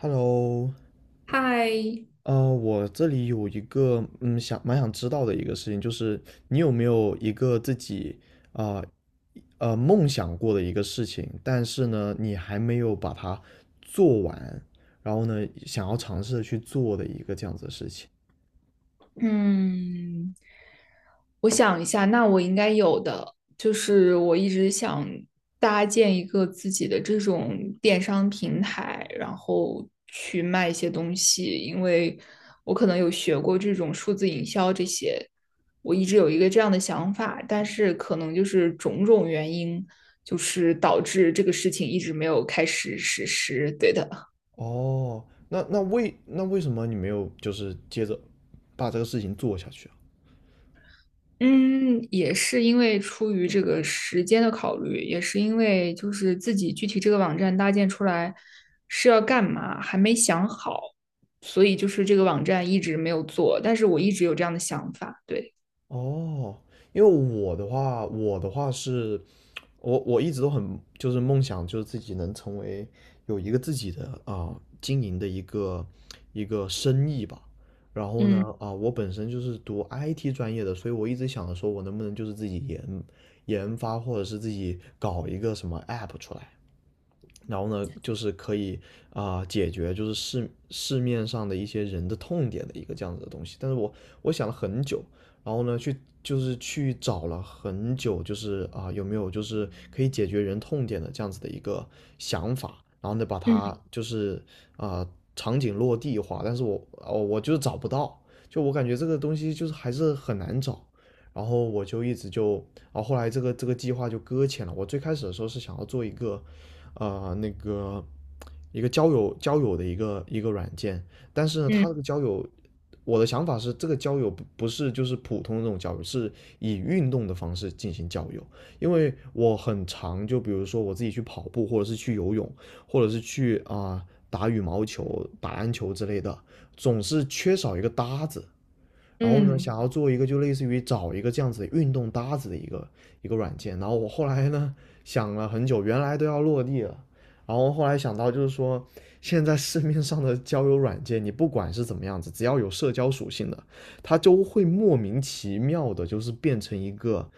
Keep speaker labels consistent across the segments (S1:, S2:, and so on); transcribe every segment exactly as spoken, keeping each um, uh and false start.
S1: Hello，
S2: 嗨，
S1: 呃，我这里有一个嗯，想蛮想知道的一个事情，就是你有没有一个自己啊呃，呃梦想过的一个事情，但是呢，你还没有把它做完，然后呢，想要尝试的去做的一个这样子的事情。
S2: 嗯，我想一下，那我应该有的，就是我一直想搭建一个自己的这种电商平台，然后去卖一些东西，因为我可能有学过这种数字营销这些，我一直有一个这样的想法，但是可能就是种种原因，就是导致这个事情一直没有开始实施。对的。
S1: 哦，那那为那为什么你没有就是接着把这个事情做下去啊？
S2: 嗯，也是因为出于这个时间的考虑，也是因为就是自己具体这个网站搭建出来是要干嘛，还没想好，所以就是这个网站一直没有做，但是我一直有这样的想法，对，
S1: 哦，因为我的话，我的话是，我我一直都很就是梦想，就是自己能成为有一个自己的啊、经营的一个一个生意吧。然后
S2: 嗯
S1: 呢，啊、我本身就是读 I T 专业的，所以我一直想着说我能不能就是自己研研发，或者是自己搞一个什么 app 出来。然后呢，就是可以啊、呃解决就是市市面上的一些人的痛点的一个这样子的东西。但是我我想了很久，然后呢去就是去找了很久，就是啊、呃有没有就是可以解决人痛点的这样子的一个想法，然后呢把
S2: 嗯
S1: 它就是啊、呃场景落地化，但是我哦我就是找不到，就我感觉这个东西就是还是很难找。然后我就一直就，啊后后来这个这个计划就搁浅了。我最开始的时候是想要做一个呃那个一个交友交友的一个一个软件，但是呢，
S2: 嗯
S1: 它这个交友，我的想法是这个交友不不是就是普通的那种交友，是以运动的方式进行交友，因为我很常就比如说我自己去跑步，或者是去游泳，或者是去啊、打羽毛球、打篮球之类的，总是缺少一个搭子。然后呢，
S2: 嗯，
S1: 想要做一个就类似于找一个这样子的运动搭子的一个一个软件。然后我后来呢想了很久，原来都要落地了，然后后来想到就是说，现在市面上的交友软件，你不管是怎么样子，只要有社交属性的，它就会莫名其妙的，就是变成一个，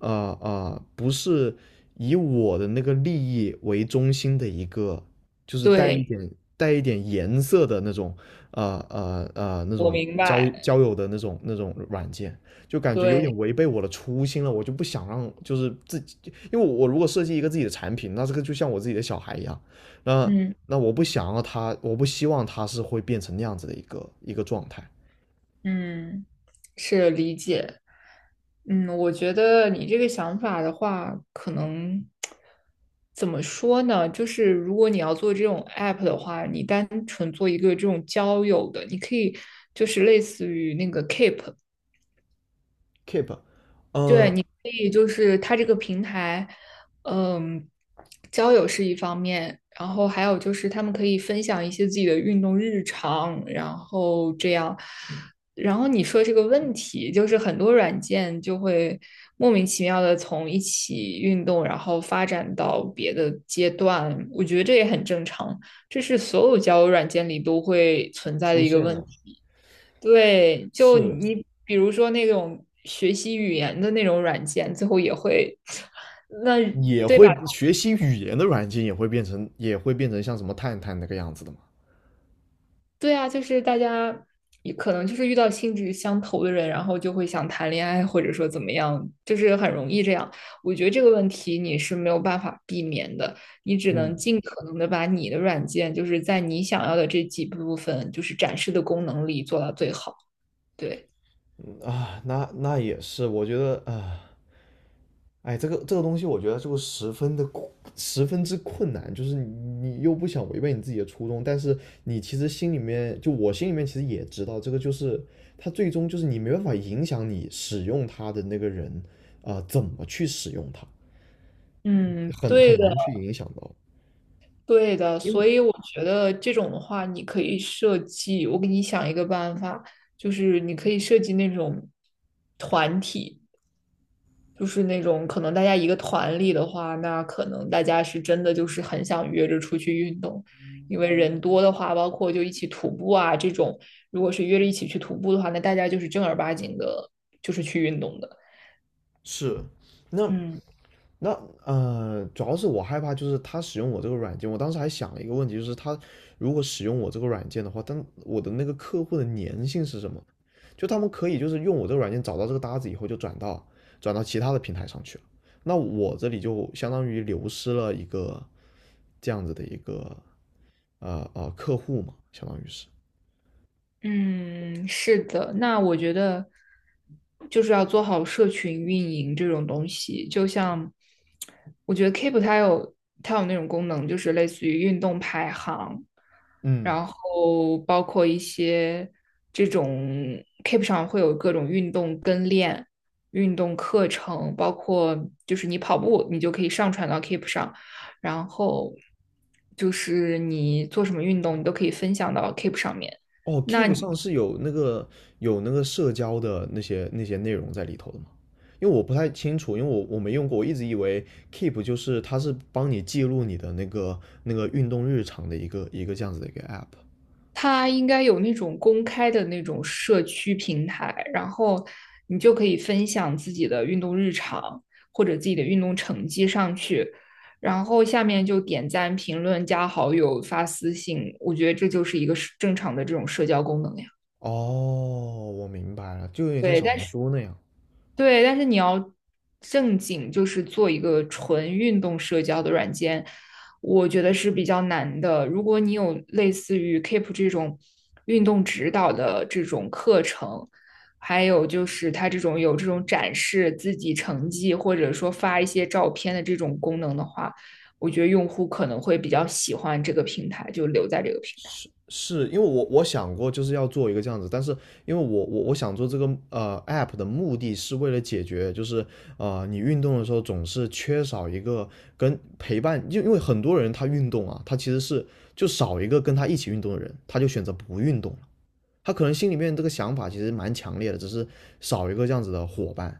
S1: 呃呃，不是以我的那个利益为中心的一个，就是带一
S2: 对，
S1: 点带一点颜色的那种呃呃呃那
S2: 我
S1: 种
S2: 明
S1: 交
S2: 白，
S1: 交友的那种那种软件，就感觉有点
S2: 对，
S1: 违背我的初心了。我就不想让就是自己，因为我我如果设计一个自己的产品，那这个就像我自己的小孩一样，那
S2: 嗯
S1: 那我不想要他，我不希望他是会变成那样子的一个一个状态。
S2: 嗯，是理解。嗯，我觉得你这个想法的话，可能怎么说呢？就是如果你要做这种 app 的话，你单纯做一个这种交友的，你可以就是类似于那个 Keep，
S1: Keep，
S2: 对，
S1: 呃，
S2: 你可以就是它这个平台，嗯，交友是一方面，然后还有就是他们可以分享一些自己的运动日常，然后这样，然后你说这个问题，就是很多软件就会莫名其妙的从一起运动，然后发展到别的阶段，我觉得这也很正常，这是所有交友软件里都会存在的
S1: 出
S2: 一个
S1: 现
S2: 问
S1: 了。
S2: 题。对，就
S1: 是。
S2: 你比如说那种学习语言的那种软件，最后也会，那
S1: 也
S2: 对吧？
S1: 会学习语言的软件也会变成也会变成像什么探探那个样子的嘛？
S2: 对啊，就是大家也可能就是遇到性质相投的人，然后就会想谈恋爱，或者说怎么样，就是很容易这样。我觉得这个问题你是没有办法避免的，你只能
S1: 嗯，
S2: 尽可能的把你的软件，就是在你想要的这几部分，就是展示的功能里做到最好。对，
S1: 啊，那那也是，我觉得啊，哎，这个这个东西，我觉得就十分的十分之困难，就是你你又不想违背你自己的初衷，但是你其实心里面，就我心里面其实也知道，这个就是它最终就是你没办法影响你使用它的那个人啊、呃怎么去使用它，
S2: 嗯，
S1: 很很
S2: 对的。
S1: 难去影响到。
S2: 对的，
S1: 因
S2: 所
S1: 为
S2: 以我觉得这种的话，你可以设计，我给你想一个办法，就是你可以设计那种团体，就是那种可能大家一个团里的话，那可能大家是真的就是很想约着出去运动，因为人多的话，包括就一起徒步啊这种，如果是约着一起去徒步的话，那大家就是正儿八经的，就是去运动的。
S1: 是，那
S2: 嗯。
S1: 那呃，主要是我害怕，就是他使用我这个软件。我当时还想了一个问题，就是他如果使用我这个软件的话，但我的那个客户的粘性是什么？就他们可以就是用我这个软件找到这个搭子以后，就转到转到其他的平台上去了。那我这里就相当于流失了一个这样子的一个呃呃客户嘛，相当于是。
S2: 嗯，是的，那我觉得就是要做好社群运营这种东西，就像我觉得 Keep 它有它有那种功能，就是类似于运动排行，
S1: 嗯。
S2: 然后包括一些这种 Keep 上会有各种运动跟练、运动课程，包括就是你跑步，你就可以上传到 Keep 上，然后就是你做什么运动，你都可以分享到 Keep 上面。
S1: 哦
S2: 那
S1: ，Keep
S2: 你
S1: 上是有那个有那个社交的那些那些内容在里头的吗？因为我不太清楚，因为我我没用过，我一直以为 Keep 就是它是帮你记录你的那个那个运动日常的一个一个这样子的一个 app。
S2: 它应该有那种公开的那种社区平台，然后你就可以分享自己的运动日常或者自己的运动成绩上去，然后下面就点赞、评论、加好友、发私信，我觉得这就是一个正常的这种社交功能呀。
S1: 哦，我明白了，就有点像
S2: 对，
S1: 小
S2: 但
S1: 红
S2: 是。
S1: 书那样。
S2: 对，但是你要正经，就是做一个纯运动社交的软件，我觉得是比较难的。如果你有类似于 Keep 这种运动指导的这种课程，还有就是它这种有这种展示自己成绩或者说发一些照片的这种功能的话，我觉得用户可能会比较喜欢这个平台，就留在这个平台。
S1: 是是因为我我想过就是要做一个这样子，但是因为我我我想做这个呃 app 的目的是为了解决，就是呃你运动的时候总是缺少一个跟陪伴，因因为很多人他运动啊，他其实是就少一个跟他一起运动的人，他就选择不运动了。他可能心里面这个想法其实蛮强烈的，只是少一个这样子的伙伴。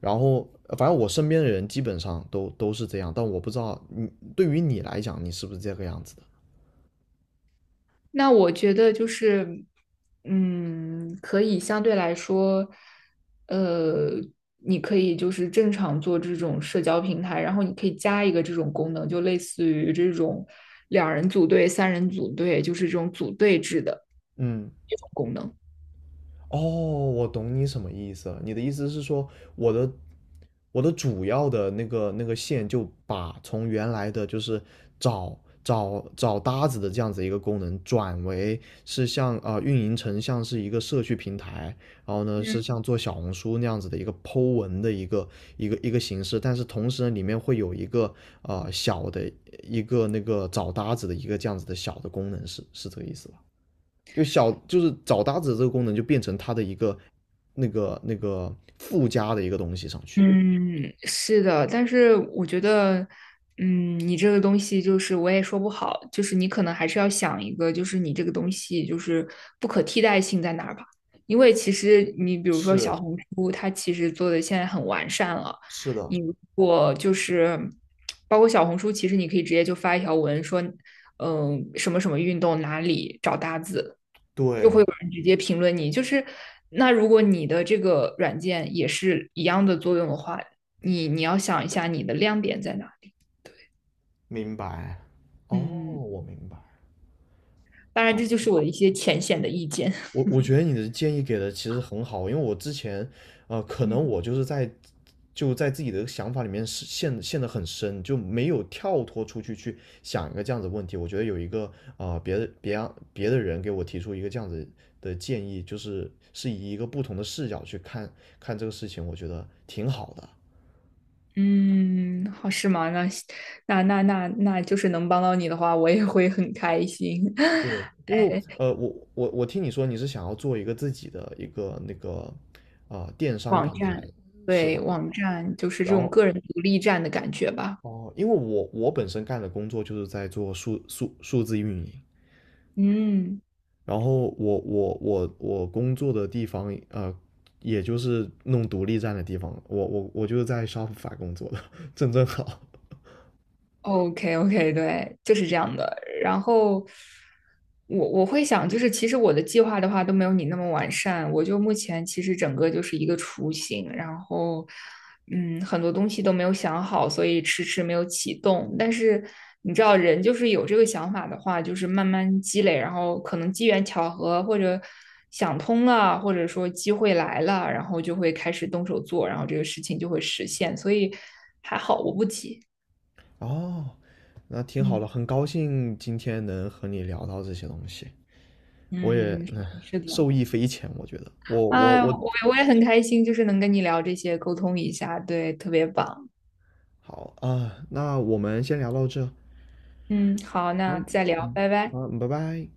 S1: 然后呃反正我身边的人基本上都都是这样，但我不知道你对于你来讲，你是不是这个样子的？
S2: 那我觉得就是，嗯，可以相对来说，呃，你可以就是正常做这种社交平台，然后你可以加一个这种功能，就类似于这种两人组队、三人组队，就是这种组队制的
S1: 嗯。
S2: 这种功能。
S1: 哦，我懂你什么意思了。你的意思是说，我的我的主要的那个那个线就把从原来的就是找找找搭子的这样子一个功能，转为是像啊、呃运营成像是一个社区平台，然后呢是像做小红书那样子的一个 Po 文的一个一个一个形式，但是同时呢里面会有一个呃小的一个那个找搭子的一个这样子的小的功能，是是这个意思吧？就小就是找搭子这个功能就变成它的一个那个那个附加的一个东西上去。
S2: 嗯，是的，但是我觉得，嗯，你这个东西就是我也说不好，就是你可能还是要想一个，就是你这个东西就是不可替代性在哪儿吧？因为其实你比如说小
S1: 是
S2: 红书，它其实做的现在很完善了，
S1: 是的，
S2: 你如果就是包括小红书，其实你可以直接就发一条文说，嗯，什么什么运动哪里找搭子。就会
S1: 对，
S2: 有人直接评论你。就是那如果你的这个软件也是一样的作用的话，你你要想一下你的亮点在哪。
S1: 明白。哦，
S2: 嗯，
S1: 我明白。
S2: 当然
S1: 好，
S2: 这就是我的一些浅显的意见。
S1: 我我觉得你的建议给的其实很好，因为我之前，呃，可能
S2: 嗯
S1: 我就是在就在自己的想法里面是陷陷得很深，就没有跳脱出去去想一个这样子的问题。我觉得有一个啊、呃别的别让别的人给我提出一个这样子的建议，就是是以一个不同的视角去看看这个事情，我觉得挺好的。
S2: 嗯，好是吗？那那那那那就是能帮到你的话，我也会很开心。
S1: 对，因为呃，我我我听你说你是想要做一个自己的一个那个啊、呃电商
S2: 网
S1: 平
S2: 站，
S1: 台是
S2: 对，
S1: 吧？
S2: 网站就是这
S1: 然
S2: 种
S1: 后
S2: 个人独立站的感觉吧。
S1: 哦，因为我我本身干的工作就是在做数数数字运营，
S2: 嗯。
S1: 然后我我我我工作的地方呃，也就是弄独立站的地方，我我我就是在 Shopify 工作的，正正好。
S2: OK OK，对，就是这样的。然后我我会想，就是其实我的计划的话都没有你那么完善。我就目前其实整个就是一个雏形，然后嗯，很多东西都没有想好，所以迟迟没有启动。但是你知道，人就是有这个想法的话，就是慢慢积累，然后可能机缘巧合或者想通了，或者说机会来了，然后就会开始动手做，然后这个事情就会实现。所以还好，我不急。
S1: 哦，那挺好
S2: 嗯。
S1: 的，很高兴今天能和你聊到这些东西，我也
S2: 嗯，
S1: 嗯
S2: 是的，
S1: 受益匪浅，我觉得。我我
S2: 哎，
S1: 我，
S2: 我我也很开心，就是能跟你聊这些，沟通一下，对，特别棒。
S1: 好啊，那我们先聊到这。
S2: 嗯，好，
S1: 好。
S2: 那再聊，
S1: 嗯。
S2: 拜拜。
S1: 好，拜拜。